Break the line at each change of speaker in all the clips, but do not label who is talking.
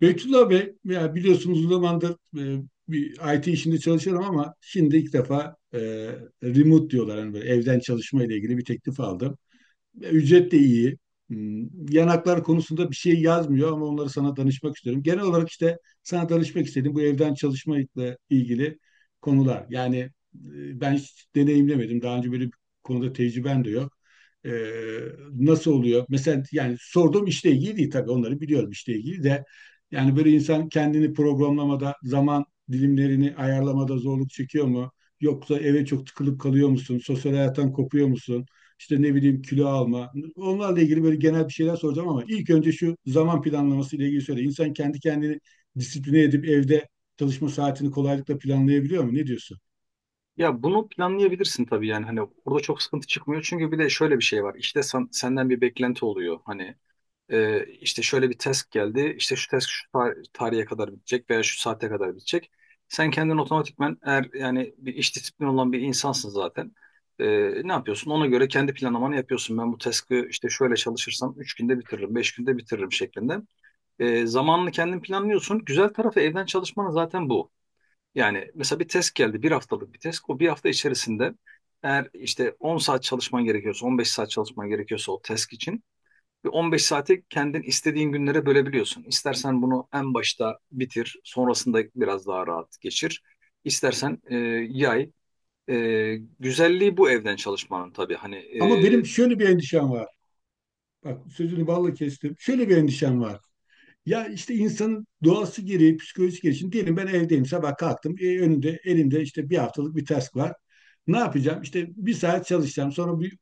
Beytullah Bey, ya biliyorsunuz uzun zamandır bir IT işinde çalışıyorum ama şimdi ilk defa remote diyorlar. Yani böyle evden çalışma ile ilgili bir teklif aldım. Ya, ücret de iyi. Hmm, yanaklar konusunda bir şey yazmıyor ama onları sana danışmak istiyorum. Genel olarak işte sana danışmak istedim bu evden çalışmakla ilgili konular. Yani ben hiç deneyimlemedim. Daha önce böyle bir konuda tecrübem de yok. Ee, nasıl oluyor? Mesela yani sorduğum işle ilgili değil tabii onları biliyorum işle ilgili de. Yani böyle insan kendini programlamada, zaman dilimlerini ayarlamada zorluk çekiyor mu? Yoksa eve çok tıkılıp kalıyor musun? Sosyal hayattan kopuyor musun? İşte ne bileyim kilo alma. Onlarla ilgili böyle genel bir şeyler soracağım ama ilk önce şu zaman planlaması ile ilgili söyle. İnsan kendi kendini disipline edip evde çalışma saatini kolaylıkla planlayabiliyor mu? Ne diyorsun?
Ya bunu planlayabilirsin tabii, yani hani orada çok sıkıntı çıkmıyor, çünkü bir de şöyle bir şey var. İşte senden bir beklenti oluyor. Hani işte şöyle bir test geldi, işte şu test şu tarihe kadar bitecek veya şu saate kadar bitecek. Sen kendin otomatikmen, eğer yani bir iş disiplini olan bir insansın zaten. E, Ne yapıyorsun, ona göre kendi planlamanı yapıyorsun. Ben bu task'ı işte şöyle çalışırsam 3 günde bitiririm, 5 günde bitiririm şeklinde. Zamanını kendin planlıyorsun. Güzel tarafı evden çalışmanın zaten bu. Yani mesela bir test geldi, bir haftalık bir test. O bir hafta içerisinde eğer işte 10 saat çalışman gerekiyorsa, 15 saat çalışman gerekiyorsa o test için bir 15 saati kendin istediğin günlere bölebiliyorsun. İstersen bunu en başta bitir, sonrasında biraz daha rahat geçir. İstersen yay. Güzelliği bu evden çalışmanın tabii. Hani
Ama benim şöyle bir endişem var. Bak sözünü balla kestim. Şöyle bir endişem var. Ya işte insanın doğası gereği, psikolojisi gereği. Şimdi diyelim ben evdeyim, sabah kalktım. E, önümde, elimde işte bir haftalık bir task var. Ne yapacağım? İşte bir saat çalışacağım. Sonra bir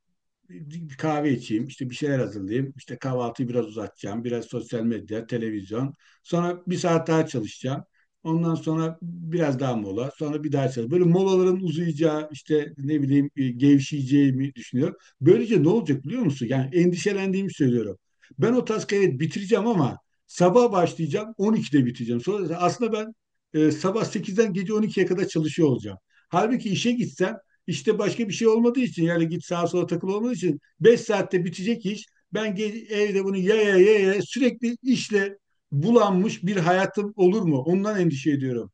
bir kahve içeyim, işte bir şeyler hazırlayayım, işte kahvaltıyı biraz uzatacağım, biraz sosyal medya, televizyon. Sonra bir saat daha çalışacağım. Ondan sonra biraz daha mola, sonra bir daha çalış. Böyle molaların uzayacağı, işte ne bileyim gevşeyeceğimi düşünüyorum. Böylece ne olacak biliyor musun? Yani endişelendiğimi söylüyorum. Ben o taskı evet bitireceğim ama sabah başlayacağım, 12'de biteceğim. Sonra aslında ben sabah sekizden gece 12'ye kadar çalışıyor olacağım. Halbuki işe gitsem işte başka bir şey olmadığı için yani git sağa sola takıl olmadığı için 5 saatte bitecek iş. Ben evde bunu ya sürekli işle bulanmış bir hayatım olur mu? Ondan endişe ediyorum.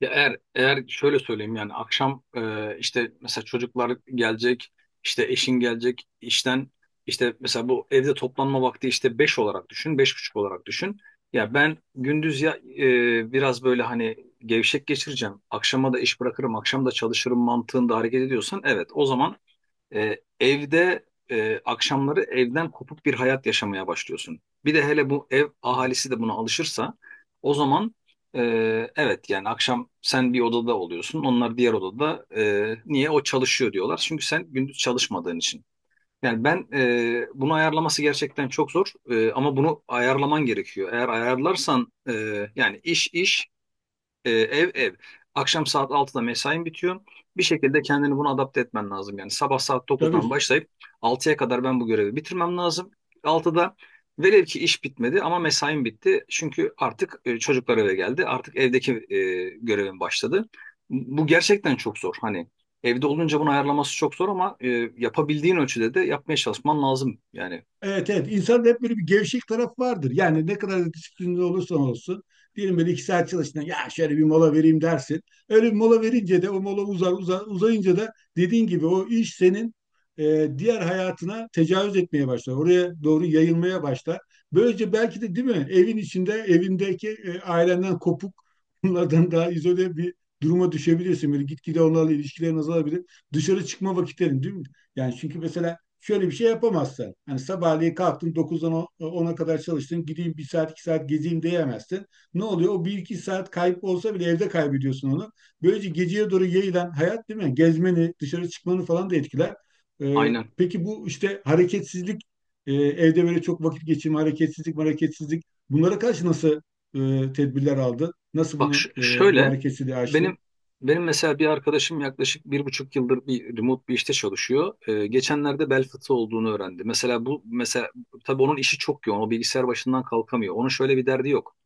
ya eğer şöyle söyleyeyim, yani akşam işte mesela çocuklar gelecek, işte eşin gelecek işten, işte mesela bu evde toplanma vakti işte 5 olarak düşün, 5:30 olarak düşün. Ya ben gündüz ya biraz böyle hani gevşek geçireceğim, akşama da iş bırakırım, akşam da çalışırım mantığında hareket ediyorsan, evet o zaman evde akşamları evden kopuk bir hayat yaşamaya başlıyorsun. Bir de hele bu ev ahalisi de buna alışırsa, o zaman e, evet yani akşam sen bir odada oluyorsun, onlar diğer odada, niye o çalışıyor diyorlar. Çünkü sen gündüz çalışmadığın için. Yani ben bunu ayarlaması gerçekten çok zor. Ama bunu ayarlaman gerekiyor. Eğer ayarlarsan yani iş iş, ev ev. Akşam saat altıda mesain bitiyor. Bir şekilde kendini buna adapte etmen lazım. Yani sabah saat dokuzdan
Tabii.
başlayıp altıya kadar ben bu görevi bitirmem lazım. Altıda velev ki iş bitmedi ama mesain bitti. Çünkü artık çocuklar eve geldi. Artık evdeki görevim başladı. Bu gerçekten çok zor. Hani evde olunca bunu ayarlaması çok zor ama yapabildiğin ölçüde de yapmaya çalışman lazım. Yani
Evet, evet. İnsanda hep böyle bir gevşek taraf vardır. Yani ne kadar da disiplinli olursan olsun. Diyelim böyle iki saat çalıştın. Ya şöyle bir mola vereyim dersin. Öyle bir mola verince de o mola uzar uzayınca da dediğin gibi o iş senin diğer hayatına tecavüz etmeye başlar. Oraya doğru yayılmaya başlar. Böylece belki de değil mi evin içinde evindeki ailenden kopuk bunlardan daha izole bir duruma düşebilirsin. Böyle gitgide onlarla ilişkilerin azalabilir. Dışarı çıkma vakitlerin değil mi? Yani çünkü mesela şöyle bir şey yapamazsın. Hani sabahleyin kalktın dokuzdan ona kadar çalıştın. Gideyim bir saat iki saat gezeyim diyemezsin. Ne oluyor? O bir iki saat kayıp olsa bile evde kaybediyorsun onu. Böylece geceye doğru yayılan hayat değil mi? Gezmeni, dışarı çıkmanı falan da etkiler. Ee,
aynen.
peki bu işte hareketsizlik, evde böyle çok vakit geçirme, hareketsizlik, hareketsizlik. Bunlara karşı nasıl tedbirler aldın? Nasıl
Bak
bunu bu
şöyle,
hareketsizliği
benim
açtın?
benim mesela bir arkadaşım yaklaşık 1,5 yıldır bir remote bir işte çalışıyor. Geçenlerde bel fıtığı olduğunu öğrendi. Mesela bu mesela tabii onun işi çok yoğun. O bilgisayar başından kalkamıyor. Onun şöyle bir derdi yok.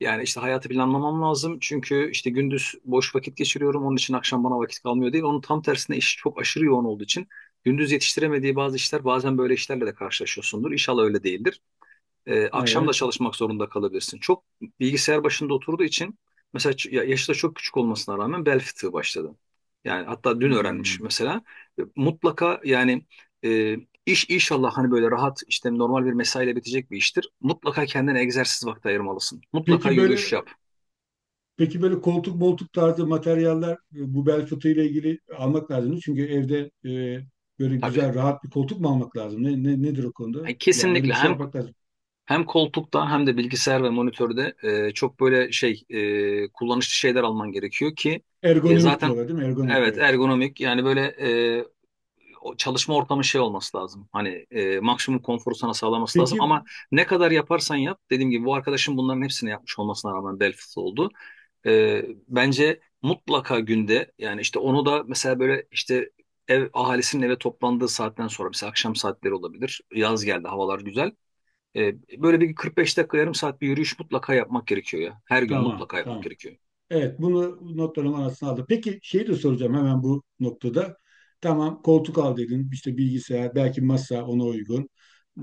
Yani işte hayatı planlamam lazım, çünkü işte gündüz boş vakit geçiriyorum, onun için akşam bana vakit kalmıyor değil. Onun tam tersine işi çok aşırı yoğun olduğu için gündüz yetiştiremediği bazı işler, bazen böyle işlerle de karşılaşıyorsundur. İnşallah öyle değildir. Akşam da
Evet.
çalışmak zorunda kalabilirsin. Çok bilgisayar başında oturduğu için mesela yaşı da çok küçük olmasına rağmen bel fıtığı başladı. Yani hatta dün öğrenmiş
Hmm.
mesela. Mutlaka yani, e, iş inşallah hani böyle rahat, işte normal bir mesaiyle bitecek bir iştir. Mutlaka kendine egzersiz vakti ayırmalısın. Mutlaka
Peki
yürüyüş
böyle
yap.
Peki böyle koltuk moltuk tarzı materyaller bu bel fıtığı ile ilgili almak lazım mı? Çünkü evde e, böyle
Tabii.
güzel rahat bir koltuk mu almak lazım? Nedir o konuda?
Yani
Yani öyle
kesinlikle
bir şey
hem
yapmak lazım.
hem koltukta hem de bilgisayar ve monitörde çok böyle şey, kullanışlı şeyler alman gerekiyor ki.
Ergonomik
Zaten,
diyorlar değil mi? Ergonomik
evet,
evet.
ergonomik. Yani böyle o çalışma ortamı şey olması lazım. Hani maksimum konforu sana sağlaması lazım, ama
Peki
ne kadar yaparsan yap, dediğim gibi bu arkadaşım bunların hepsini yapmış olmasına rağmen bel fıtığı oldu. Bence mutlaka günde, yani işte onu da mesela böyle işte ev ahalisinin eve toplandığı saatten sonra, mesela akşam saatleri olabilir. Yaz geldi, havalar güzel. E, Böyle bir 45 dakika yarım saat bir yürüyüş mutlaka yapmak gerekiyor ya. Her gün
tamam,
mutlaka yapmak
tamam.
gerekiyor.
Evet, bunu notlarım arasına aldım. Peki şeyi de soracağım hemen bu noktada. Tamam koltuk al dedin, işte bilgisayar, belki masa ona uygun.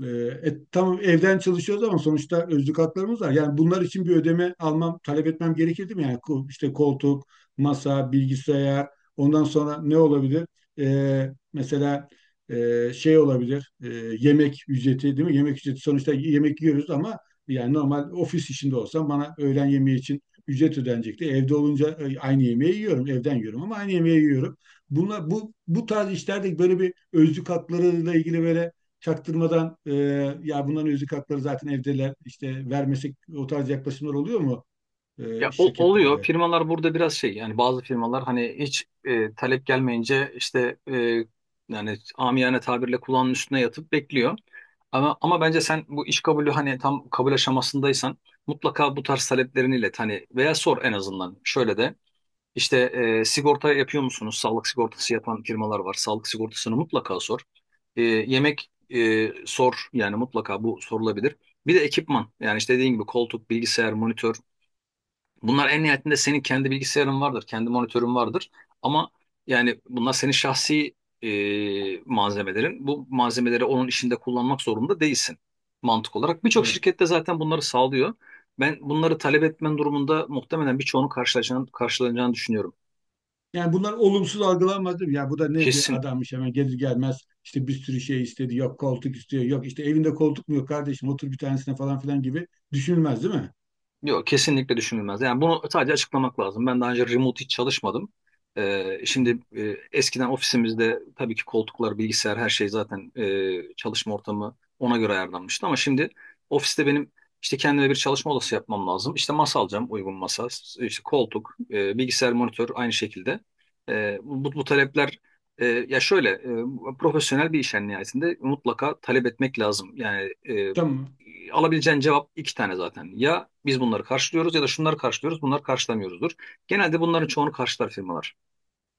Ee, tamam evden çalışıyoruz ama sonuçta özlük haklarımız var. Yani bunlar için bir ödeme almam, talep etmem gerekirdi mi? Yani işte koltuk, masa, bilgisayar, ondan sonra ne olabilir? Mesela şey olabilir, yemek ücreti değil mi? Yemek ücreti sonuçta yemek yiyoruz ama yani normal ofis işinde olsam bana öğlen yemeği için ücret ödenecekti. Evde olunca aynı yemeği yiyorum. Evden yiyorum ama aynı yemeği yiyorum. Bunlar, bu tarz işlerde böyle bir özlük haklarıyla ilgili böyle çaktırmadan ya bunların özlük hakları zaten evdeler işte vermesek o tarz yaklaşımlar oluyor mu
Ya oluyor.
şirketlerde?
Firmalar burada biraz şey, yani bazı firmalar hani hiç talep gelmeyince işte, yani amiyane tabirle kulağının üstüne yatıp bekliyor. Ama bence sen bu iş kabulü, hani tam kabul aşamasındaysan, mutlaka bu tarz taleplerini ilet, hani veya sor en azından. Şöyle de işte sigorta yapıyor musunuz? Sağlık sigortası yapan firmalar var. Sağlık sigortasını mutlaka sor. Yemek sor yani, mutlaka bu sorulabilir. Bir de ekipman, yani işte dediğin gibi koltuk, bilgisayar, monitör. Bunlar en nihayetinde senin kendi bilgisayarın vardır, kendi monitörün vardır. Ama yani bunlar senin şahsi malzemelerin. Bu malzemeleri onun işinde kullanmak zorunda değilsin, mantık olarak. Birçok
Evet.
şirkette zaten bunları sağlıyor. Ben bunları talep etmen durumunda muhtemelen birçoğunu karşılaşacağını, karşılanacağını düşünüyorum.
Yani bunlar olumsuz algılanmaz değil mi? Ya bu da ne bir
Kesin.
adammış hemen gelir gelmez işte bir sürü şey istedi yok koltuk istiyor yok işte evinde koltuk mu yok kardeşim otur bir tanesine falan filan gibi düşünülmez değil mi?
Yok, kesinlikle düşünülmez. Yani bunu sadece açıklamak lazım. Ben daha önce remote hiç çalışmadım.
Hı.
Şimdi eskiden ofisimizde tabii ki koltuklar, bilgisayar, her şey zaten çalışma ortamı ona göre ayarlanmıştı. Ama şimdi ofiste benim işte kendime bir çalışma odası yapmam lazım. İşte masa alacağım, uygun masa, işte koltuk, bilgisayar, monitör aynı şekilde. Bu talepler, ya şöyle profesyonel bir iş, en nihayetinde mutlaka talep etmek lazım. Yani
Tamam.
alabileceğin cevap iki tane zaten. Ya biz bunları karşılıyoruz, ya da şunları karşılıyoruz, bunları karşılamıyoruzdur. Genelde bunların çoğunu karşılar firmalar.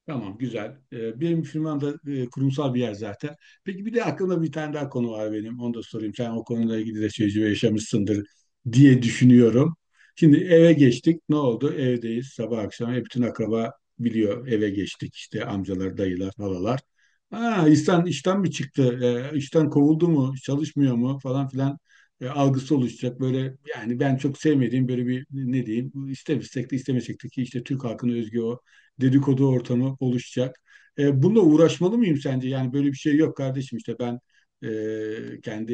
Tamam güzel. Benim firmam da kurumsal bir yer zaten. Peki bir de aklımda bir tane daha konu var benim. Onu da sorayım. Sen o konuyla ilgili de tecrübe yaşamışsındır diye düşünüyorum. Şimdi eve geçtik. Ne oldu? Evdeyiz sabah akşam. Hep bütün akraba biliyor eve geçtik. İşte amcalar, dayılar, halalar. Aa, İhsan işten mi çıktı? İşten kovuldu mu? Çalışmıyor mu? Falan filan algısı oluşacak. Böyle yani ben çok sevmediğim böyle bir ne diyeyim istemesek de ki işte Türk halkının özgü o dedikodu ortamı oluşacak. E, bununla uğraşmalı mıyım sence? Yani böyle bir şey yok kardeşim işte ben kendi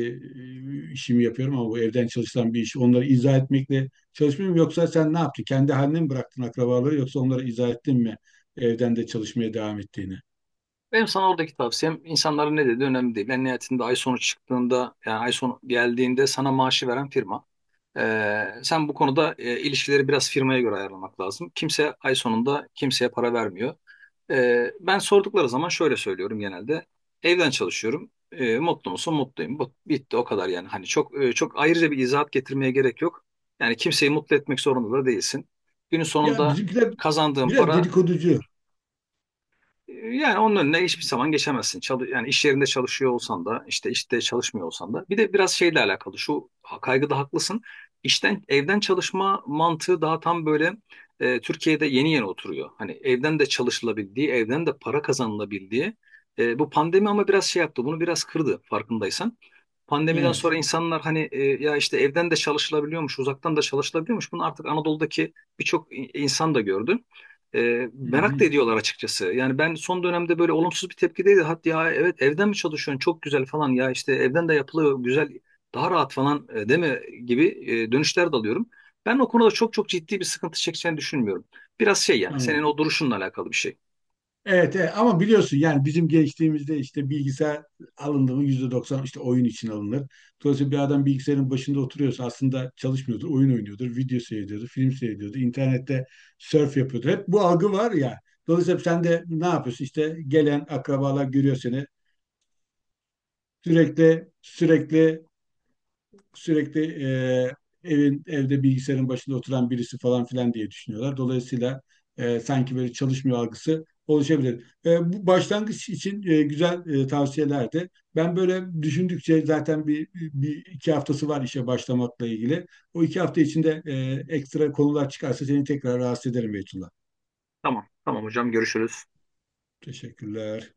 işimi yapıyorum ama bu evden çalışılan bir iş. Onları izah etmekle çalışmıyorum yoksa sen ne yaptın? Kendi haline mi bıraktın akrabaları yoksa onlara izah ettin mi evden de çalışmaya devam ettiğini?
Benim sana oradaki tavsiyem, insanların ne dediği önemli değil. En nihayetinde ay sonu çıktığında, yani ay sonu geldiğinde, sana maaşı veren firma. Sen bu konuda ilişkileri biraz firmaya göre ayarlamak lazım. Kimse ay sonunda kimseye para vermiyor. Ben sordukları zaman şöyle söylüyorum genelde. Evden çalışıyorum. Mutlu musun? Mutluyum. Bu, bitti o kadar yani. Hani çok çok ayrıca bir izahat getirmeye gerek yok. Yani kimseyi mutlu etmek zorunda da değilsin. Günün
Ya
sonunda
bizimkiler
kazandığın
biraz
para,
dedikoducu.
yani onun önüne hiçbir zaman geçemezsin. Yani iş yerinde çalışıyor olsan da, işte çalışmıyor olsan da. Bir de biraz şeyle alakalı. Şu kaygıda haklısın. İşten evden çalışma mantığı daha tam böyle Türkiye'de yeni yeni oturuyor. Hani evden de çalışılabildiği, evden de para kazanılabildiği. Bu pandemi ama biraz şey yaptı. Bunu biraz kırdı farkındaysan. Pandemiden sonra
Evet.
insanlar hani ya işte evden de çalışılabiliyormuş, uzaktan da çalışılabiliyormuş. Bunu artık Anadolu'daki birçok insan da gördü.
Hı
Merak
hı,
da ediyorlar açıkçası. Yani ben son dönemde böyle olumsuz bir tepkideydi. Hatta ya evet, evden mi çalışıyorsun çok güzel falan, ya işte evden de yapılıyor güzel daha rahat falan, değil mi gibi dönüşler de alıyorum. Ben o konuda çok çok ciddi bir sıkıntı çekeceğini düşünmüyorum. Biraz şey, yani senin
tamam.
o duruşunla alakalı bir şey.
Evet, evet, ama biliyorsun yani bizim gençliğimizde işte bilgisayar alındı mı %90 işte oyun için alınır. Dolayısıyla bir adam bilgisayarın başında oturuyorsa aslında çalışmıyordur, oyun oynuyordur, video seyrediyordur, film seyrediyordur, internette surf yapıyordur. Hep bu algı var ya. Dolayısıyla sen de ne yapıyorsun? İşte gelen akrabalar görüyor seni. Sürekli sürekli sürekli evin evde bilgisayarın başında oturan birisi falan filan diye düşünüyorlar. Dolayısıyla sanki böyle çalışmıyor algısı oluşabilir. E, bu başlangıç için güzel tavsiyelerdi. Ben böyle düşündükçe zaten bir iki haftası var işe başlamakla ilgili. O iki hafta içinde ekstra konular çıkarsa seni tekrar rahatsız ederim Beytullah.
Tamam tamam hocam, görüşürüz.
Teşekkürler.